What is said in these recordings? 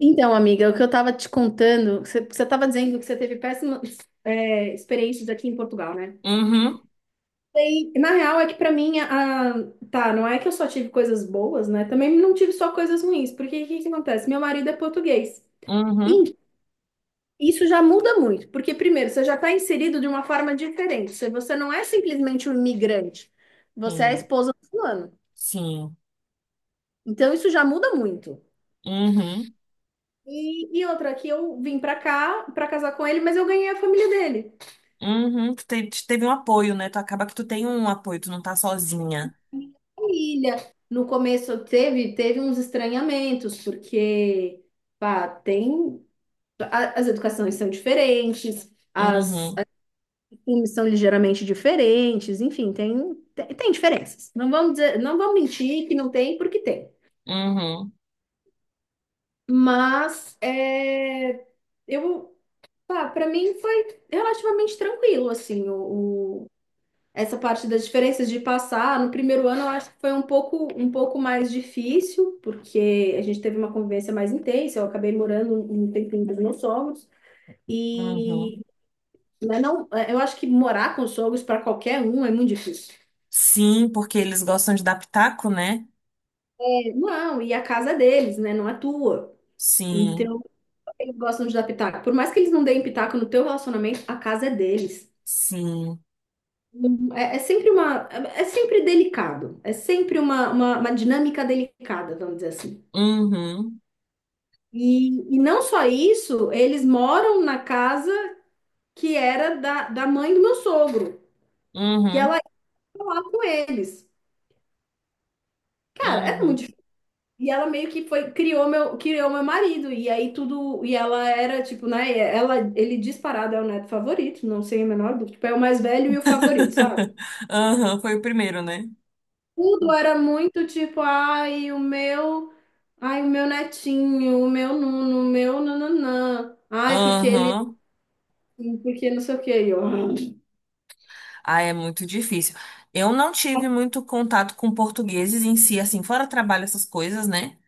Então, amiga, o que eu estava te contando, você estava dizendo que você teve péssimas experiências aqui em Portugal, né? Uhum, E, na real, é que para mim, não é que eu só tive coisas boas, né? Também não tive só coisas ruins, porque o que que acontece? Meu marido é português. uhum, E isso já muda muito, porque primeiro, você já está inserido de uma forma diferente. Você não é simplesmente um imigrante, você é a sim, esposa do fulano. sim, Então, isso já muda muito. uhum, E outra, que eu vim para cá para casar com ele, mas eu ganhei a família dele. uhum. Tu teve um apoio, né? Tu acaba que tu tem um apoio, tu não tá sozinha. Família. No começo teve, teve uns estranhamentos, porque pá, tem as educações são diferentes, as, Uhum, as costumes são ligeiramente diferentes, enfim, tem diferenças. Não vamos dizer, não vamos mentir que não tem, porque tem. uhum, Mas é, eu, pá, para mim foi relativamente tranquilo, assim, essa parte das diferenças de passar, no primeiro ano eu acho que foi um pouco mais difícil, porque a gente teve uma convivência mais intensa, eu acabei morando um tempinho dos meus sogros, uhum. e mas não, eu acho que morar com os sogros para qualquer um é muito difícil. Sim, porque eles gostam de dar pitaco, né? É. Não, e a casa é deles, né? Não é tua. Sim, Então, eles gostam de dar pitaco. Por mais que eles não deem pitaco no teu relacionamento, a casa é deles. sim. É é sempre uma, é sempre delicado. É sempre uma dinâmica delicada, vamos dizer assim. Uhum, E não só isso, eles moram na casa que era da mãe do meu sogro, que ela uhum, ia lá com eles. Cara, é muito uhum. difícil. E ela meio que foi, criou meu marido. E aí tudo. E ela era, tipo, né? Ela, ele disparado é o neto favorito, não sei a menor dúvida. Tipo, é o mais velho e o favorito, sabe? Aham, foi o primeiro, né? Tudo era muito tipo, ai, o meu. Ai, o meu netinho, o meu nuno, o meu nananã. Ai, porque ele. Aham. Porque não sei o quê. E eu, "Ah, Ah, é muito difícil. Eu não tive muito contato com portugueses em si, assim, fora trabalho, essas coisas, né?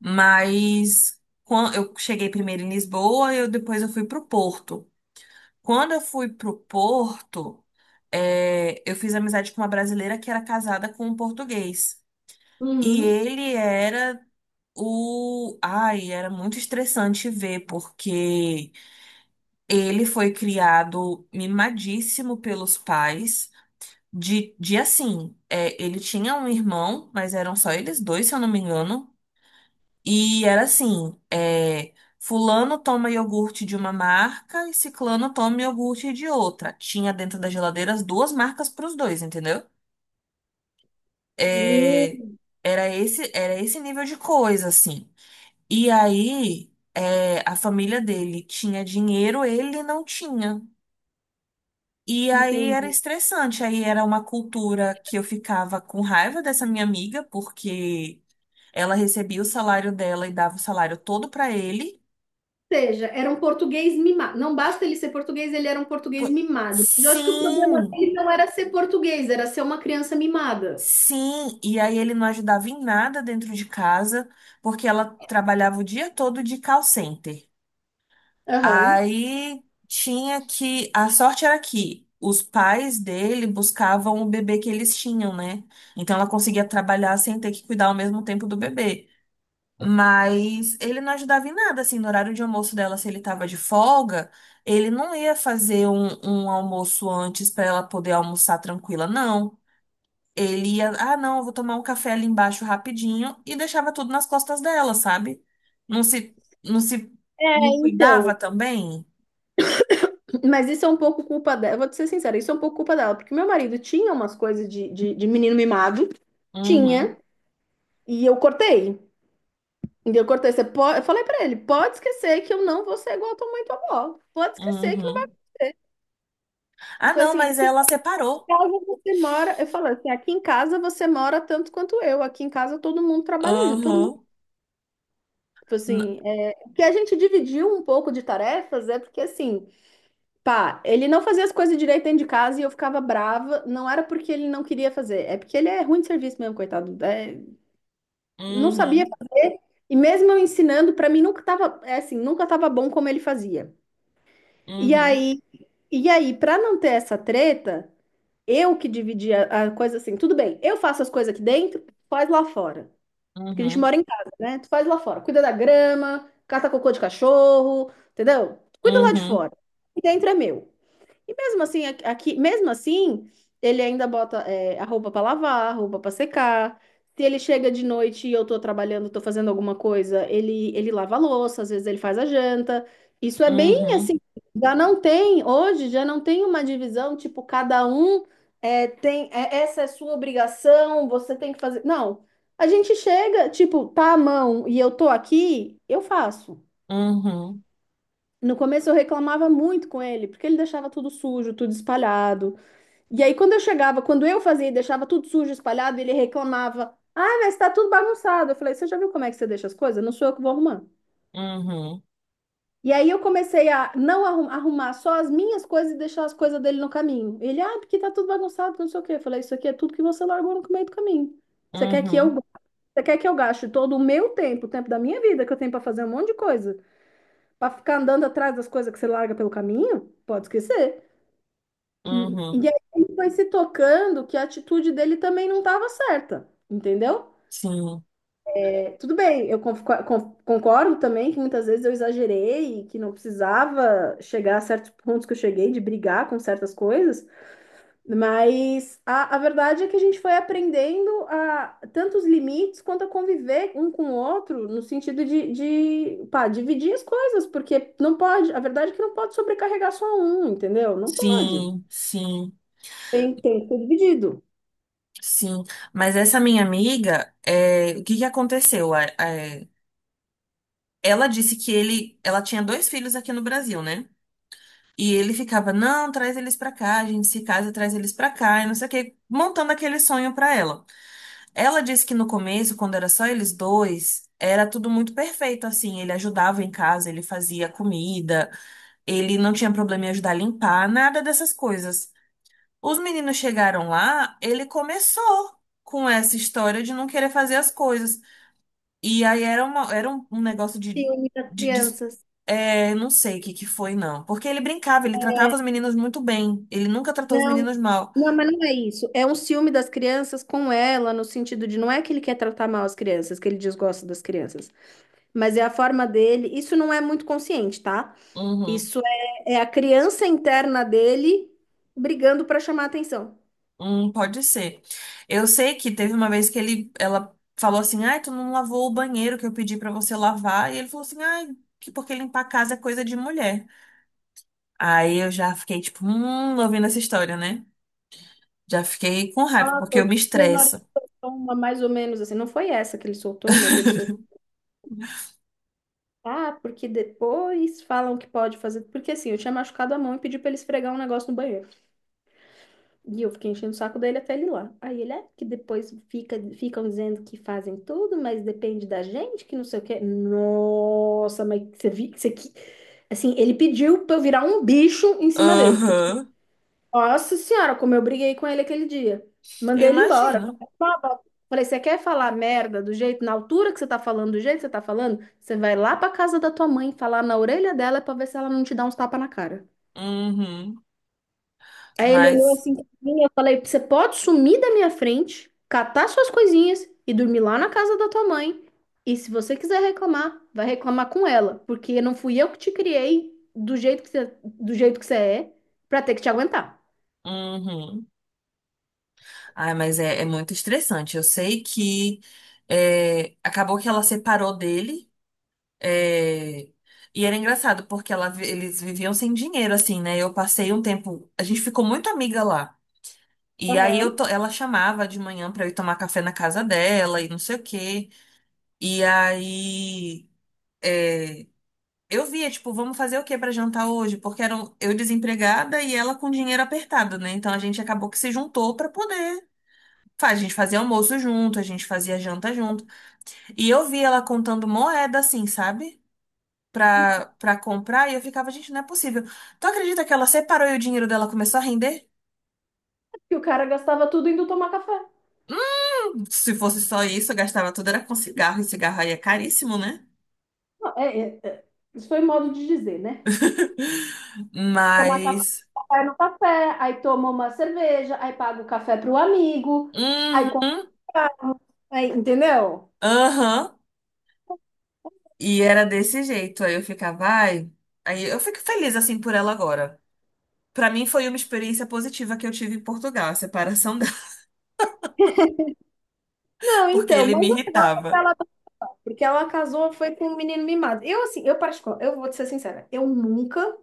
Mas eu cheguei primeiro em Lisboa depois eu fui pro Porto. Quando eu fui pro Porto, eu fiz amizade com uma brasileira que era casada com um português. E uhum. ele era o. Ai, era muito estressante ver, porque ele foi criado mimadíssimo pelos pais. Ele tinha um irmão, mas eram só eles dois, se eu não me engano. E era assim, fulano toma iogurte de uma marca e ciclano toma iogurte de outra. Tinha dentro da geladeira as duas marcas para os dois, entendeu? É, Hum, era esse nível de coisa, assim. E aí, a família dele tinha dinheiro, ele não tinha. E aí era entendi." estressante, aí era uma cultura que eu ficava com raiva dessa minha amiga, porque ela recebia o salário dela e dava o salário todo para ele. Ou seja, era um português mimado. Não basta ele ser português, ele era um português Pô, mimado. Mas eu acho que o problema sim, dele não era ser português, era ser uma criança mimada. sim. E aí ele não ajudava em nada dentro de casa, porque ela trabalhava o dia todo de call center. Aham. Aí tinha que. A sorte era que os pais dele buscavam o bebê que eles tinham, né? Então ela conseguia trabalhar sem ter que cuidar ao mesmo tempo do bebê. Mas ele não ajudava em nada, assim, no horário de almoço dela, se ele tava de folga, ele não ia fazer um almoço antes para ela poder almoçar tranquila, não. Ele ia, ah, não, eu vou tomar um café ali embaixo rapidinho, e deixava tudo nas costas dela, sabe? Não se, não se, É. não cuidava Então, também? mas isso é um pouco culpa dela. Eu vou te ser sincera, isso é um pouco culpa dela, porque meu marido tinha umas coisas de menino mimado, tinha, Uhum, e eu cortei. E eu cortei. Você pode... Eu falei pra ele: pode esquecer que eu não vou ser igual a tua mãe e tua avó. Pode esquecer que não vai. uhum. Ah, Foi não, assim, mas ela separou. casa você mora, eu falo assim, aqui em casa você mora tanto quanto eu, aqui em casa todo mundo trabalha junto, todo mundo, Uhum, tipo n- assim, é, o que a gente dividiu um pouco de tarefas é porque assim, pá, ele não fazia as coisas direito dentro de casa e eu ficava brava, não era porque ele não queria fazer, é porque ele é ruim de serviço mesmo, coitado, é, não sabia uhum, fazer, e mesmo eu ensinando, pra mim nunca tava, é assim, nunca tava bom como ele fazia. E uhum, aí, e aí, para não ter essa treta, eu que dividi a coisa assim, tudo bem, eu faço as coisas aqui dentro, tu faz lá fora. Porque a gente uhum, mora em casa, né? Tu faz lá fora. Cuida da grama, cata cocô de cachorro, entendeu? Cuida lá de uhum, fora. E dentro é meu. E mesmo assim, mesmo assim, ele ainda bota é, a roupa para lavar, a roupa para secar. Se ele chega de noite e eu tô trabalhando, tô fazendo alguma coisa, ele lava a louça, às vezes ele faz a janta. Isso é bem uhum, assim, já não tem, hoje já não tem uma divisão, tipo, cada um é, tem, é, essa é sua obrigação, você tem que fazer. Não, a gente chega, tipo, tá à mão e eu tô aqui, eu faço. uhum, No começo eu reclamava muito com ele, porque ele deixava tudo sujo, tudo espalhado. E aí, quando eu chegava, quando eu fazia e deixava tudo sujo, espalhado, ele reclamava: "Ah, mas tá tudo bagunçado." Eu falei: "Você já viu como é que você deixa as coisas? Não sou eu que vou arrumar." uhum, E aí, eu comecei a não arrum- arrumar só as minhas coisas e deixar as coisas dele no caminho. Ele: "Ah, porque tá tudo bagunçado, não sei o quê." Eu falei: "Isso aqui é tudo que você largou no meio do caminho. Você quer que eu, uhum, você quer que eu gaste todo o meu tempo, o tempo da minha vida, que eu tenho pra fazer um monte de coisa, pra ficar andando atrás das coisas que você larga pelo caminho? Pode esquecer." uhum. E aí ele foi se tocando que a atitude dele também não estava certa, entendeu? Sim, É, tudo bem, eu concordo também que muitas vezes eu exagerei e que não precisava chegar a certos pontos que eu cheguei de brigar com certas coisas, mas a verdade é que a gente foi aprendendo a tanto os limites quanto a conviver um com o outro no sentido de pá, dividir as coisas, porque não pode, a verdade é que não pode sobrecarregar só um, entendeu? Não pode. sim, sim, Tem que ser dividido. sim. Mas essa minha amiga, o que que aconteceu? Ela disse que ela tinha dois filhos aqui no Brasil, né? E ele ficava, não, traz eles pra cá, a gente se casa, traz eles pra cá, e não sei o quê, montando aquele sonho pra ela. Ela disse que no começo, quando era só eles dois, era tudo muito perfeito, assim, ele ajudava em casa, ele fazia comida, ele não tinha problema em ajudar a limpar, nada dessas coisas. Os meninos chegaram lá, ele começou com essa história de não querer fazer as coisas. E aí era um negócio Ciúme das de, de- crianças. Não sei o que que foi, não. Porque ele brincava, ele tratava os meninos muito bem. Ele nunca tratou os Não, meninos mal. não, mas não é isso. É um ciúme das crianças com ela, no sentido de não é que ele quer tratar mal as crianças, que ele desgosta das crianças, mas é a forma dele. Isso não é muito consciente, tá? Uhum, Isso é a criança interna dele brigando para chamar atenção. Pode ser. Eu sei que teve uma vez que ela falou assim, ai, tu não lavou o banheiro que eu pedi pra você lavar. E ele falou assim, ai, que porque limpar a casa é coisa de mulher. Aí eu já fiquei, tipo, ouvindo essa história, né? Já fiquei com raiva, porque Nossa, eu o me meu marido estresso. toma mais ou menos assim. Não foi essa que ele soltou, mas ele soltou. Ah, porque depois falam que pode fazer. Porque assim, eu tinha machucado a mão e pedi pra ele esfregar um negócio no banheiro. E eu fiquei enchendo o saco dele até ele ir lá. Aí ele é que depois fica, ficam dizendo que fazem tudo, mas depende da gente, que não sei o quê. Nossa, mas você viu isso aqui? Assim, ele pediu pra eu virar um bicho em cima dele, porque, Aham, nossa senhora, como eu briguei com ele aquele dia. eu Mandei ele embora. imagino. Falei, você quer falar merda do jeito, na altura que você tá falando, do jeito que você tá falando? Você vai lá pra casa da tua mãe, falar na orelha dela pra ver se ela não te dá uns tapas na cara. Uhum. Aí ele olhou Mas, assim pra mim, eu falei, você pode sumir da minha frente, catar suas coisinhas e dormir lá na casa da tua mãe. E se você quiser reclamar, vai reclamar com ela, porque não fui eu que te criei do jeito que você é, pra ter que te aguentar. uhum. Ai, mas é muito estressante. Eu sei que acabou que ela separou dele. é, e era engraçado, porque eles viviam sem dinheiro, assim, né? Eu passei um tempo. A gente ficou muito amiga lá. E aí Aham. Ela chamava de manhã pra eu ir tomar café na casa dela e não sei o quê. E aí. é, Eu via, tipo, vamos fazer o que pra jantar hoje? Porque eram eu desempregada e ela com dinheiro apertado, né? Então a gente acabou que se juntou pra poder a gente fazia almoço junto, a gente fazia janta junto. E eu vi ela contando moeda assim, sabe? Pra comprar, e eu ficava, gente, não é possível. Tu acredita que ela separou e o dinheiro dela começou a render? E o cara gastava tudo indo tomar café. Se fosse só isso, eu gastava tudo, era com cigarro, e cigarro aí é caríssimo, né? Não, é. Isso foi modo de dizer, né? Tomar café Mas. no café, aí toma uma cerveja, aí paga o café pro amigo, aí compra, Uhum, aí, entendeu? aham. E era desse jeito. Aí eu ficava, ai. Aí eu fico feliz assim por ela agora. Pra mim foi uma experiência positiva que eu tive em Portugal, a separação dela, Não, porque então, ele mas o me negócio é que irritava. ela. Porque ela casou, foi com um menino mimado. Eu, assim, eu particular, eu vou te ser sincera, eu nunca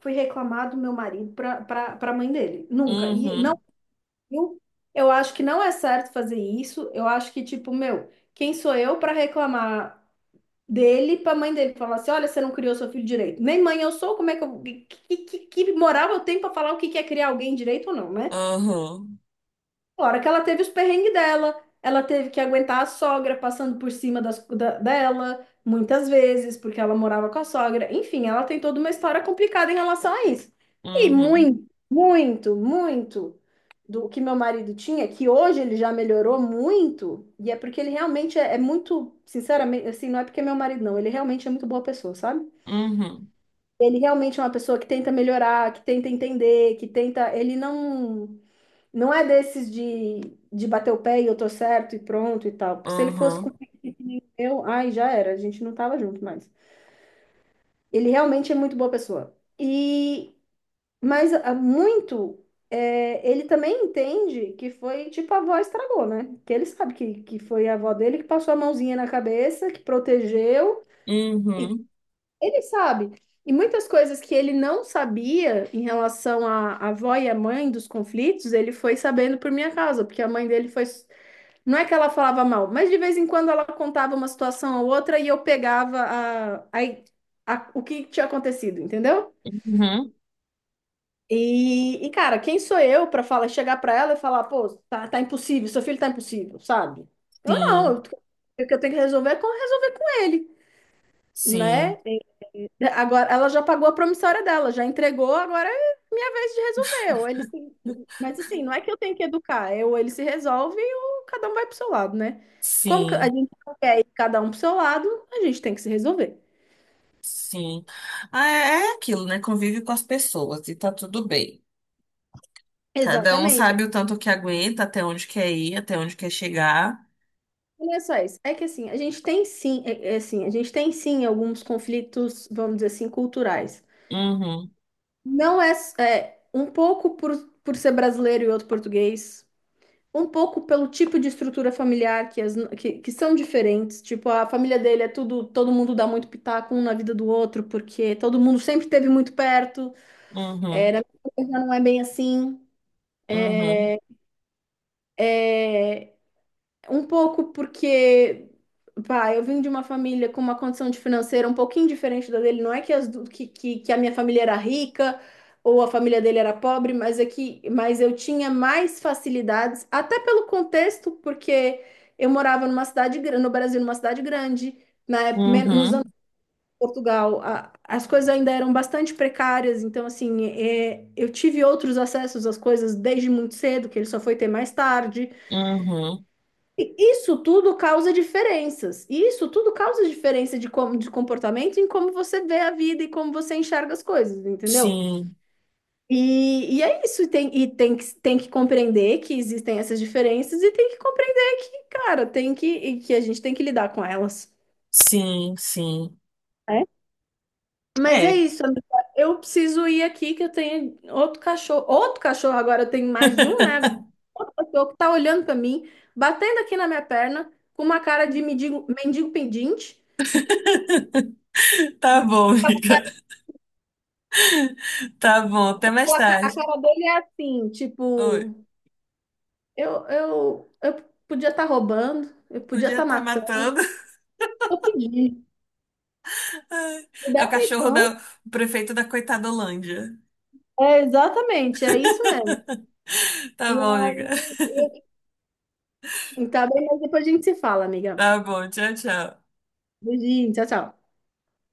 fui reclamar do meu marido pra mãe dele. Nunca. E não, Uhum, eu, eu acho que não é certo fazer isso. Eu acho que, tipo, meu, quem sou eu pra reclamar dele pra mãe dele? Falar assim, olha, você não criou seu filho direito. Nem mãe eu sou, como é que eu... que moral eu tenho pra falar o que que é criar alguém direito ou não, né? uhum, Claro que ela teve os perrengues dela, ela teve que aguentar a sogra passando por cima dela, muitas vezes, porque ela morava com a sogra. Enfim, ela tem toda uma história complicada em relação a isso. E uhum, muito do que meu marido tinha, que hoje ele já melhorou muito, e é porque ele realmente é, é muito, sinceramente, assim, não é porque é meu marido, não, ele realmente é muito boa pessoa, sabe? uhum, Ele realmente é uma pessoa que tenta melhorar, que tenta entender, que tenta. Ele não. Não é desses de bater o pé e eu tô certo e pronto e tal. Porque se ele fosse com uhum, eu, ai, já era, a gente não tava junto mais. Ele realmente é muito boa pessoa. E mas ah, muito é, ele também entende que foi tipo a avó estragou, né? Que ele sabe que foi a avó dele que passou a mãozinha na cabeça, que protegeu. uhum, Ele sabe. E muitas coisas que ele não sabia em relação à avó e à mãe dos conflitos, ele foi sabendo por minha causa, porque a mãe dele foi. Não é que ela falava mal, mas de vez em quando ela contava uma situação ou outra e eu pegava o que tinha acontecido, entendeu? uhum. E, cara, quem sou eu para falar, chegar para ela e falar, pô, tá, tá impossível, seu filho tá impossível, sabe? Eu não, Sim, o que eu tenho que resolver é resolver com ele, né? sim, Agora, ela já pagou a promissória dela, já entregou, agora é minha vez de resolver. Ou ele se... Mas assim, não é que eu tenho que educar, é ou ele se resolve ou cada um vai pro seu lado, né? Como que a sim, gente não quer ir cada um pro seu lado, a gente tem que se resolver. sim. Ah, é aquilo, né? Convive com as pessoas e tá tudo bem. Cada um Exatamente. sabe o tanto que aguenta, até onde quer ir, até onde quer chegar. E não é só isso. É que assim, a gente tem sim, é assim, a gente tem sim alguns conflitos, vamos dizer assim, culturais. Uhum, Não é, é um pouco por ser brasileiro e outro português. Um pouco pelo tipo de estrutura familiar que são diferentes. Tipo, a família dele é tudo, todo mundo dá muito pitaco um na vida do outro, porque todo mundo sempre esteve muito perto. É, uhum, na minha família não é bem assim. uhum, Um pouco porque, pá, eu vim de uma família com uma condição de financeira um pouquinho diferente da dele. Não é que, as, du- que a minha família era rica ou a família dele era pobre, mas é que, mas eu tinha mais facilidades, até pelo contexto, porque eu morava numa cidade, no Brasil, numa cidade grande, na época, nos anos uhum, de Portugal, as coisas ainda eram bastante precárias, então, assim, é, eu tive outros acessos às coisas desde muito cedo, que ele só foi ter mais tarde. uhum. E isso tudo causa diferenças. E isso tudo causa diferença de comportamento em como você vê a vida e como você enxerga as coisas, entendeu? Sim, E é isso. Tem que compreender que existem essas diferenças e tem que compreender que, cara, tem que, e que a gente tem que lidar com elas. sim, sim. Né? Mas é É. isso, amiga. Eu preciso ir aqui que eu tenho outro cachorro. Outro cachorro agora, eu tenho mais de um, né? Outro cachorro que tá olhando pra mim, batendo aqui na minha perna, com uma cara de mendigo, mendigo pedinte. E Tá bom, A amiga. Tá bom. Até mais tarde. cara dele é assim, Oi. tipo, eu podia estar roubando, eu podia Podia estar estar matando, matando. eu pedi. Me É o dá cachorro atenção. O prefeito da coitadolândia. É, exatamente, é isso mesmo. Tá E bom, amiga. aí, e- então, tá bem, mas depois a gente se fala, amiga. Tá bom, tchau, tchau. Beijinho, tchau, tchau.